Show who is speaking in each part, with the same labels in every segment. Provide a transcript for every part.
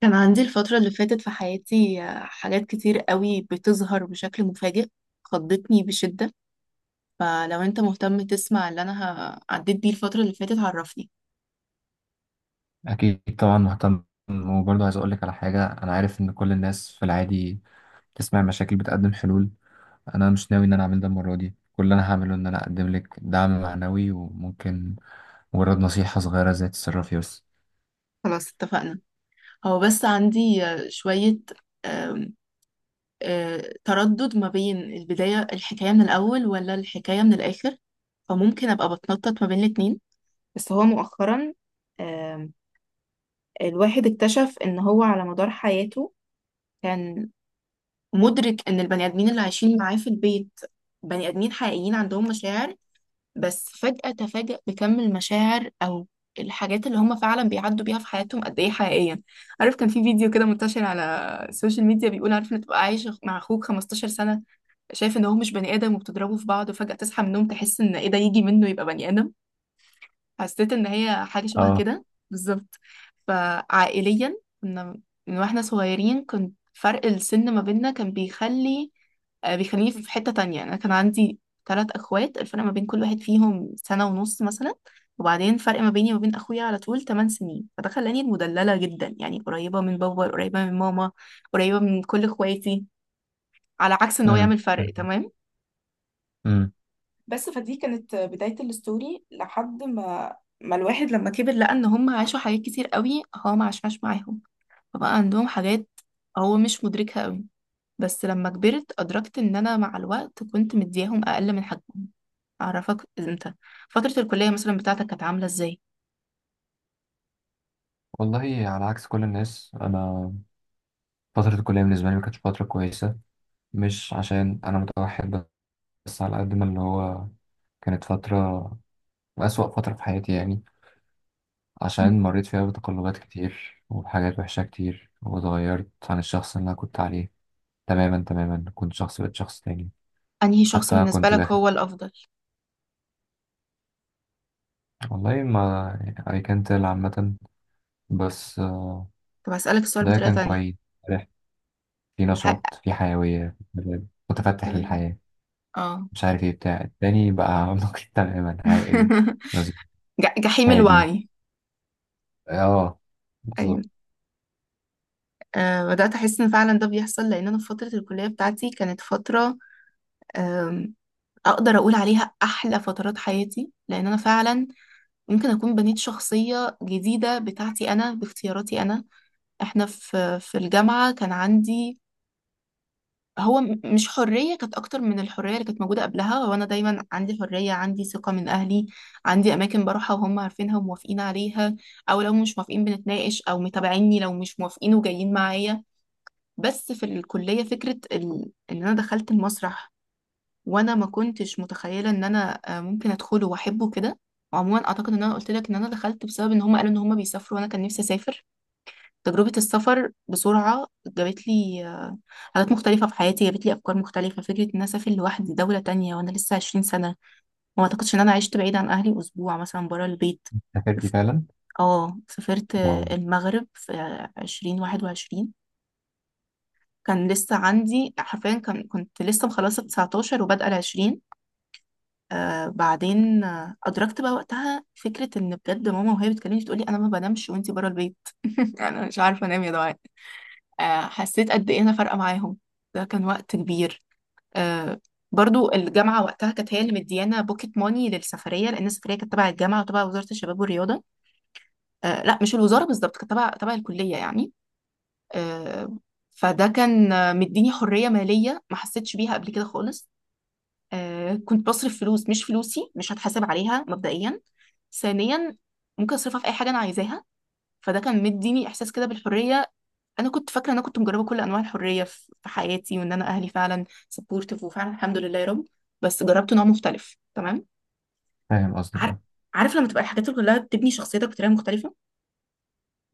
Speaker 1: كان عندي الفترة اللي فاتت في حياتي، حاجات كتير قوي بتظهر بشكل مفاجئ. خضتني بشدة. فلو انت مهتم تسمع اللي انا عديت بيه الفترة اللي فاتت، عرفني.
Speaker 2: أكيد طبعا مهتم. وبرضه عايز أقولك على حاجة، أنا عارف إن كل الناس في العادي تسمع مشاكل بتقدم حلول. أنا مش ناوي إن أنا أعمل ده المرة دي. كل اللي أنا هعمله إن أنا أقدم لك دعم معنوي وممكن مجرد نصيحة صغيرة زي تتصرفي بس.
Speaker 1: خلاص اتفقنا. هو بس عندي شوية، آم، تردد ما بين البداية الحكاية من الأول ولا الحكاية من الآخر، فممكن أبقى بتنطط ما بين الاتنين. بس هو مؤخرا، آم، الواحد اكتشف إن هو على مدار حياته كان مدرك ان البني ادمين اللي عايشين معاه في البيت بني ادمين حقيقيين عندهم مشاعر، بس فجأة تفاجأ بكم المشاعر او الحاجات اللي هم فعلا بيعدوا بيها في حياتهم قد ايه حقيقية. عارف كان في فيديو كده منتشر على السوشيال ميديا، بيقول عارف ان تبقى عايش مع اخوك 15 سنة شايف ان هو مش بني ادم وبتضربوا في بعض، وفجأة تصحى من النوم تحس ان ايه ده؟ يجي منه يبقى بني ادم. حسيت ان هي حاجة شبه
Speaker 2: اه.
Speaker 1: كده. بالظبط. فعائليا كنا من واحنا صغيرين، كنت فرق السن ما بيننا كان بيخلي، بيخليني في حتة تانية. أنا كان عندي ثلاث أخوات، الفرق ما بين كل واحد فيهم سنة ونص مثلا، وبعدين فرق ما بيني وما بين أخويا على طول 8 سنين، فده خلاني المدللة جدا، يعني قريبة من بابا، قريبة من ماما، قريبة من كل إخواتي، على عكس إن هو
Speaker 2: امم
Speaker 1: يعمل فرق تمام.
Speaker 2: امم.
Speaker 1: بس فدي كانت بداية الستوري. لحد ما الواحد لما كبر لقى ان هم عاشوا حاجات كتير قوي هو ما عاشهاش معاهم، فبقى عندهم حاجات هو مش مدركها قوي. بس لما كبرت ادركت ان انا مع الوقت كنت مدياهم اقل من حجمهم. اعرفك انت، فترة الكلية مثلا بتاعتك كانت عاملة ازاي؟
Speaker 2: والله، على عكس كل الناس، أنا فترة الكلية بالنسبة لي ما كانتش فترة كويسة. مش عشان أنا متوحد، بس على قد ما اللي هو، كانت فترة أسوأ فترة في حياتي يعني.
Speaker 1: مم.
Speaker 2: عشان مريت فيها بتقلبات كتير وبحاجات وحشة كتير واتغيرت عن الشخص اللي أنا كنت عليه. تماما تماما، كنت شخص بقيت شخص تاني.
Speaker 1: انهي شخص
Speaker 2: حتى
Speaker 1: بالنسبة
Speaker 2: كنت
Speaker 1: لك
Speaker 2: داخل
Speaker 1: هو الافضل؟
Speaker 2: والله ما أي، كانت عامة بس
Speaker 1: طب هسألك السؤال
Speaker 2: ده
Speaker 1: بطريقة
Speaker 2: كان
Speaker 1: تانية.
Speaker 2: كويس. فرح، في
Speaker 1: حقك.
Speaker 2: نشاط، في حيوية، في مزاج، متفتح للحياة.
Speaker 1: اه.
Speaker 2: مش عارف ايه بتاع التاني بقى نقي تماما عاقل رزق
Speaker 1: جحيم
Speaker 2: هادي.
Speaker 1: الوعي.
Speaker 2: اه،
Speaker 1: ايوه.
Speaker 2: بالظبط.
Speaker 1: بدأت أحس إن فعلا ده بيحصل، لأن أنا في فترة الكلية بتاعتي كانت فترة، آم، أقدر أقول عليها أحلى فترات حياتي، لأن أنا فعلا ممكن أكون بنيت شخصية جديدة بتاعتي أنا باختياراتي أنا. إحنا في الجامعة كان عندي، هو مش حرية، كانت أكتر من الحرية اللي كانت موجودة قبلها. هو أنا دايما عندي حرية، عندي ثقة من أهلي، عندي أماكن بروحها وهم عارفينها وموافقين عليها، أو لو مش موافقين بنتناقش، أو متابعيني لو مش موافقين وجايين معايا. بس في الكلية فكرة ان انا دخلت المسرح، وانا ما كنتش متخيلة ان انا ممكن ادخله واحبه كده. عموما اعتقد ان انا قلت لك ان انا دخلت بسبب ان هم قالوا ان هم بيسافروا، وانا كان نفسي اسافر. تجربة السفر بسرعة جابت لي حاجات مختلفة في حياتي، جابت لي افكار مختلفة. فكرة ان انا اسافر لوحدي دولة تانية وانا لسه 20 سنة، وما اعتقدش ان انا عشت بعيد عن اهلي اسبوع مثلا برا البيت.
Speaker 2: سافرتي فعلا؟
Speaker 1: اه، سافرت
Speaker 2: واو.
Speaker 1: المغرب في 2021، كان لسه عندي حرفيا، كنت لسه مخلصة 19 وبادئة العشرين. آه بعدين آه أدركت بقى وقتها فكرة إن بجد ماما وهي بتكلمني تقولي أنا ما بنامش وأنتي بره البيت. أنا مش عارفة أنام يا دعاء. آه حسيت قد إيه أنا فارقة معاهم. ده كان وقت كبير. آه. برضو الجامعة وقتها كانت هي اللي مديانا بوكيت موني للسفرية، لأن السفرية كانت تبع الجامعة وتبع وزارة الشباب والرياضة. آه لا، مش الوزارة بالظبط، كانت تبع الكلية يعني. آه. فده كان مديني حرية مالية ما حسيتش بيها قبل كده خالص. آه كنت بصرف فلوس مش فلوسي، مش هتحاسب عليها مبدئيا. ثانيا ممكن اصرفها في اي حاجه انا عايزاها. فده كان مديني احساس كده بالحريه. انا كنت فاكره ان انا كنت مجربه كل انواع الحريه في حياتي، وان انا اهلي فعلا سبورتيف، وفعلا الحمد لله يا رب، بس جربت نوع مختلف تمام.
Speaker 2: فاهم
Speaker 1: عارف.
Speaker 2: قصدك،
Speaker 1: عارف لما تبقى الحاجات كلها بتبني شخصيتك بطريقه مختلفه.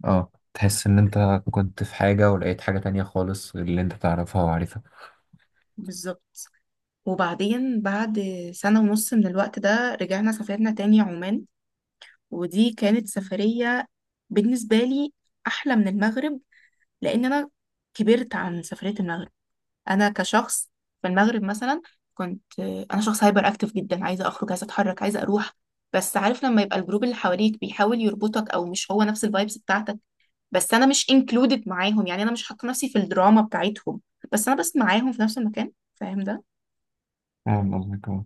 Speaker 2: اه. تحس ان انت كنت في حاجة ولقيت حاجة تانية خالص غير اللي انت تعرفها وعارفها.
Speaker 1: بالظبط. وبعدين بعد سنه ونص من الوقت ده رجعنا سافرنا تاني عمان، ودي كانت سفريه بالنسبه لي احلى من المغرب، لان انا كبرت عن سفريه المغرب. انا كشخص، في المغرب مثلا كنت، انا شخص هايبر اكتف جدا، عايزه اخرج عايزه اتحرك عايزه اروح. بس عارف لما يبقى الجروب اللي حواليك بيحاول يربطك او مش هو نفس الفايبس بتاعتك، بس انا مش انكلودد معاهم، يعني انا مش حاطه نفسي في الدراما بتاعتهم، بس انا بس معاهم في نفس المكان. فاهم ده؟
Speaker 2: فاهم قصدك، اه.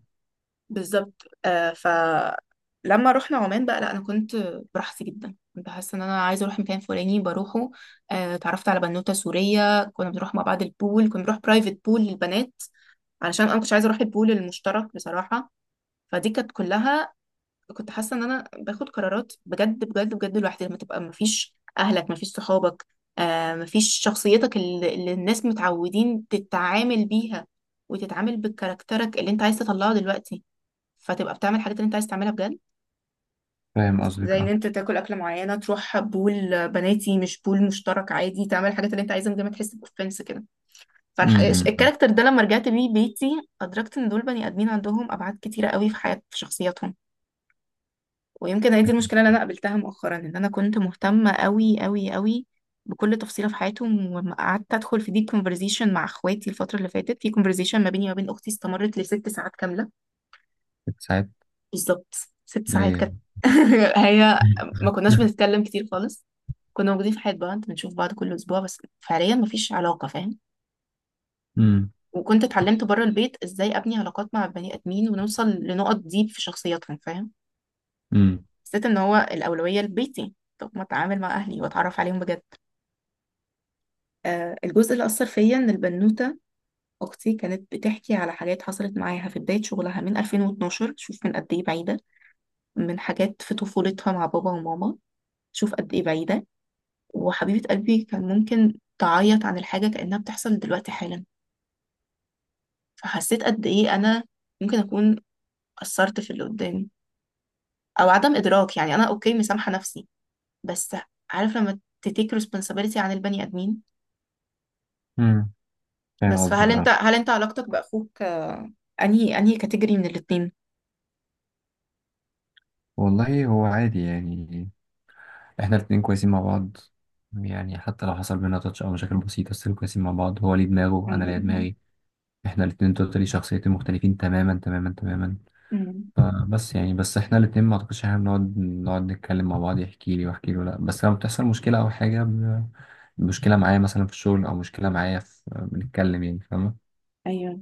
Speaker 1: بالظبط. آه فلما رحنا عمان بقى لا، انا كنت براحتي جدا، كنت حاسه ان انا عايزه اروح مكان فلاني بروحه. آه اتعرفت على بنوته سوريه كنا بنروح مع بعض البول، كنا بنروح برايفت بول للبنات علشان انا مش عايزه اروح البول المشترك بصراحه. فدي كانت كلها، كنت حاسه ان انا باخد قرارات بجد بجد بجد لوحدي، لما تبقى مفيش اهلك مفيش صحابك، آه مفيش شخصيتك اللي الناس متعودين تتعامل بيها، وتتعامل بكاركترك اللي انت عايز تطلعه دلوقتي، فتبقى بتعمل الحاجات اللي انت عايز تعملها بجد.
Speaker 2: فاهم قصدك،
Speaker 1: زي ان
Speaker 2: اه.
Speaker 1: انت تاكل اكله معينه، تروح بول بناتي مش بول مشترك عادي، تعمل الحاجات اللي انت عايزها من غير ما تحس باوفنس كده.
Speaker 2: امم.
Speaker 1: فالكاركتر ده لما رجعت بيه بيتي، ادركت ان دول بني ادمين عندهم ابعاد كتيره قوي في حياه في شخصياتهم. ويمكن هي دي
Speaker 2: أكيد.
Speaker 1: المشكله اللي انا قابلتها مؤخرا، ان انا كنت مهتمه قوي قوي قوي بكل تفصيله في حياتهم، وقعدت ادخل في ديب كونفرزيشن مع اخواتي الفتره اللي فاتت. في كونفرزيشن ما بيني وما بين اختي استمرت لست ساعات كامله.
Speaker 2: ساعات؟
Speaker 1: بالظبط. 6 ساعات
Speaker 2: ل.
Speaker 1: كانت. هي، ما كناش بنتكلم كتير خالص، كنا موجودين في حياة بعض بنشوف بعض كل أسبوع، بس فعليا مفيش علاقة، فاهم؟
Speaker 2: امم.
Speaker 1: وكنت اتعلمت بره البيت ازاي ابني علاقات مع البني آدمين ونوصل لنقط ديب في شخصياتهم، فاهم؟
Speaker 2: امم.
Speaker 1: حسيت ان هو الأولوية لبيتي. طب ما اتعامل مع أهلي واتعرف عليهم بجد. آه الجزء اللي أثر فيا إن البنوتة أختي كانت بتحكي على حاجات حصلت معاها في بداية شغلها من 2012، شوف من قد إيه بعيدة. من حاجات في طفولتها مع بابا وماما، شوف قد إيه بعيدة. وحبيبة قلبي كان ممكن تعيط عن الحاجة كأنها بتحصل دلوقتي حالا. فحسيت قد إيه أنا ممكن أكون قصرت في اللي قدامي. أو عدم إدراك، يعني أنا أوكي مسامحة نفسي، بس عارف لما تتيك responsibility عن البني آدمين.
Speaker 2: امم. فاهم
Speaker 1: بس
Speaker 2: قصدك،
Speaker 1: فهل أنت
Speaker 2: اه.
Speaker 1: هل أنت علاقتك بأخوك، أنهي كاتيجوري من الاتنين؟
Speaker 2: والله هو عادي يعني، احنا الاتنين كويسين مع بعض. يعني حتى لو حصل بينا تاتش او مشاكل بسيطة بس كويسين مع بعض. هو ليه دماغه انا
Speaker 1: الحمد
Speaker 2: ليا
Speaker 1: لله.
Speaker 2: دماغي. احنا الاتنين توتالي شخصيتين مختلفين تماما تماما تماما.
Speaker 1: امم.
Speaker 2: بس يعني بس احنا الاتنين ما اعتقدش احنا بنقعد نتكلم مع بعض يحكي لي واحكي له، لا. بس لما بتحصل مشكلة او حاجة ب- مشكلة معايا مثلا في الشغل او مشكلة معايا في، بنتكلم يعني، فاهمة؟
Speaker 1: ايوه.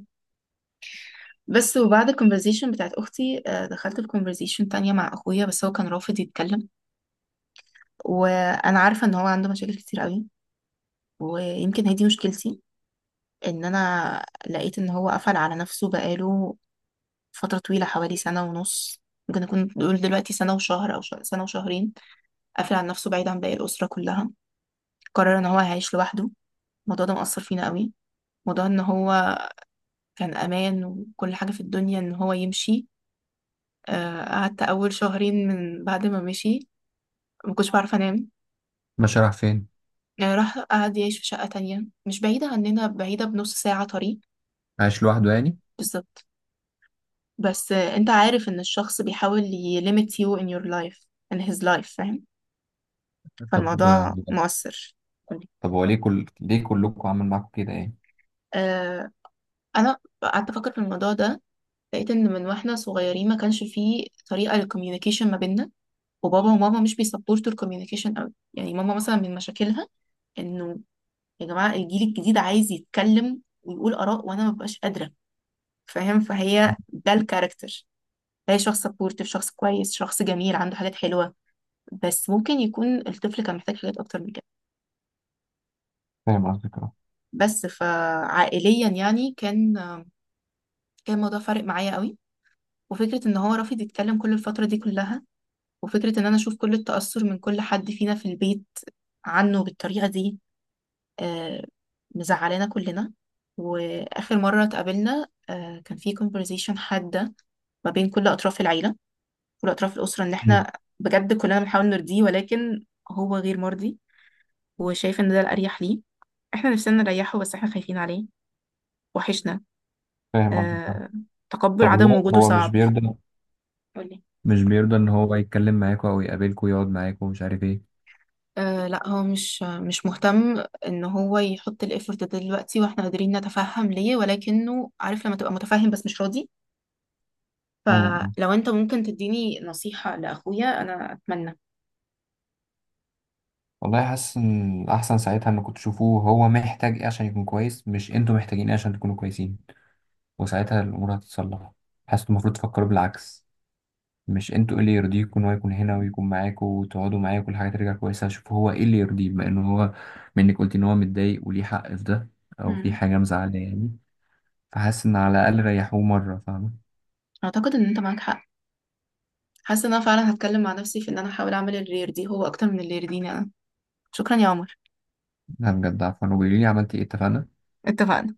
Speaker 1: بس وبعد الكونفرزيشن بتاعت اختي، دخلت الكونفرزيشن تانية مع اخويا، بس هو كان رافض يتكلم. وانا عارفة ان هو عنده مشاكل كتير قوي. ويمكن هي دي مشكلتي، ان انا لقيت ان هو قفل على نفسه بقاله فترة طويلة حوالي سنة ونص. ممكن نكون نقول دلوقتي سنة وشهر او سنة وشهرين. قافل على نفسه بعيد عن باقي الأسرة كلها، قرر ان هو هيعيش لوحده. الموضوع ده مأثر فينا قوي. موضوع ان هو كان امان وكل حاجة في الدنيا، ان هو يمشي، قعدت اول شهرين من بعد ما مشي ما كنتش بعرف انام.
Speaker 2: ماشي، رايح فين؟
Speaker 1: راح قعد يعيش في شقة تانية مش بعيدة عننا، بعيدة بنص ساعة طريق.
Speaker 2: عايش لوحده يعني؟
Speaker 1: بالظبط. بس انت عارف ان الشخص بيحاول ي limit you in your life in his life، فاهم؟
Speaker 2: طب
Speaker 1: فالموضوع مؤثر.
Speaker 2: طب هو ليه كلكم عامل معاكم كده يعني؟
Speaker 1: آه انا قعدت افكر في الموضوع ده. لقيت ان من واحنا صغيرين ما كانش فيه طريقه للكوميونيكيشن ما بيننا. وبابا وماما مش بيسبورتوا الكوميونيكيشن قوي، يعني ماما مثلا من مشاكلها انه، يا جماعه الجيل الجديد عايز يتكلم ويقول اراء وانا ما ببقاش قادره، فاهم؟ فهي ده الكاركتر، هي شخص سبورتيف، شخص كويس، شخص جميل عنده حاجات حلوه، بس ممكن يكون الطفل كان محتاج حاجات اكتر من كده.
Speaker 2: فاهم قصدك، اه.
Speaker 1: بس فعائليا يعني كان، كان الموضوع فارق معايا قوي. وفكرة ان هو رافض يتكلم كل الفترة دي كلها، وفكرة ان انا اشوف كل التأثر من كل حد فينا في البيت عنه بالطريقة دي، آه، مزعلانا كلنا. واخر مرة اتقابلنا كان في conversation حادة ما بين كل اطراف العيلة، كل اطراف الاسرة، ان
Speaker 2: مم.
Speaker 1: احنا بجد كلنا بنحاول نرضيه، ولكن هو غير مرضي، وشايف ان ده الاريح ليه. احنا نفسنا نريحه بس احنا خايفين عليه، وحشنا.
Speaker 2: فاهم قصدك، اه.
Speaker 1: آه. تقبل
Speaker 2: طب
Speaker 1: عدم
Speaker 2: هو
Speaker 1: وجوده
Speaker 2: هو مش
Speaker 1: صعب.
Speaker 2: بيرضى؟
Speaker 1: قولي.
Speaker 2: مش بيرضى ان هو يتكلم معاكم او يقابلكم ويقعد معاكم ومش عارف
Speaker 1: آه لا، هو مش مهتم ان هو يحط الايفورت ده دلوقتي، واحنا قادرين نتفهم ليه، ولكنه عارف لما تبقى متفهم بس مش راضي.
Speaker 2: ايه؟
Speaker 1: فلو انت ممكن تديني نصيحة لاخويا انا اتمنى.
Speaker 2: والله حاسس ان الاحسن ساعتها انكم تشوفوه هو محتاج ايه عشان يكون كويس، مش انتوا محتاجين ايه عشان تكونوا كويسين. وساعتها الامور هتتصلح. حاسس إنتوا المفروض تفكروا بالعكس. مش انتوا ايه اللي يرضيكوا ان هو يكون هنا ويكون معاكوا وتقعدوا معاه وكل حاجه ترجع كويسه. شوفوا هو ايه اللي يرضيه، بما انه هو منك قلت ان هو متضايق وليه حق في ده، او في
Speaker 1: مم.
Speaker 2: حاجه مزعله يعني. فحاسس ان على الاقل ريحوه مره، فاهمه؟
Speaker 1: اعتقد ان انت معاك حق. حاسة ان انا فعلا هتكلم مع نفسي في ان انا احاول اعمل الرير دي هو اكتر من الرير دي انا. شكرا يا عمر.
Speaker 2: لا بجد عفوا. وقولي لي عملتي ايه، اتفقنا؟
Speaker 1: اتفقنا.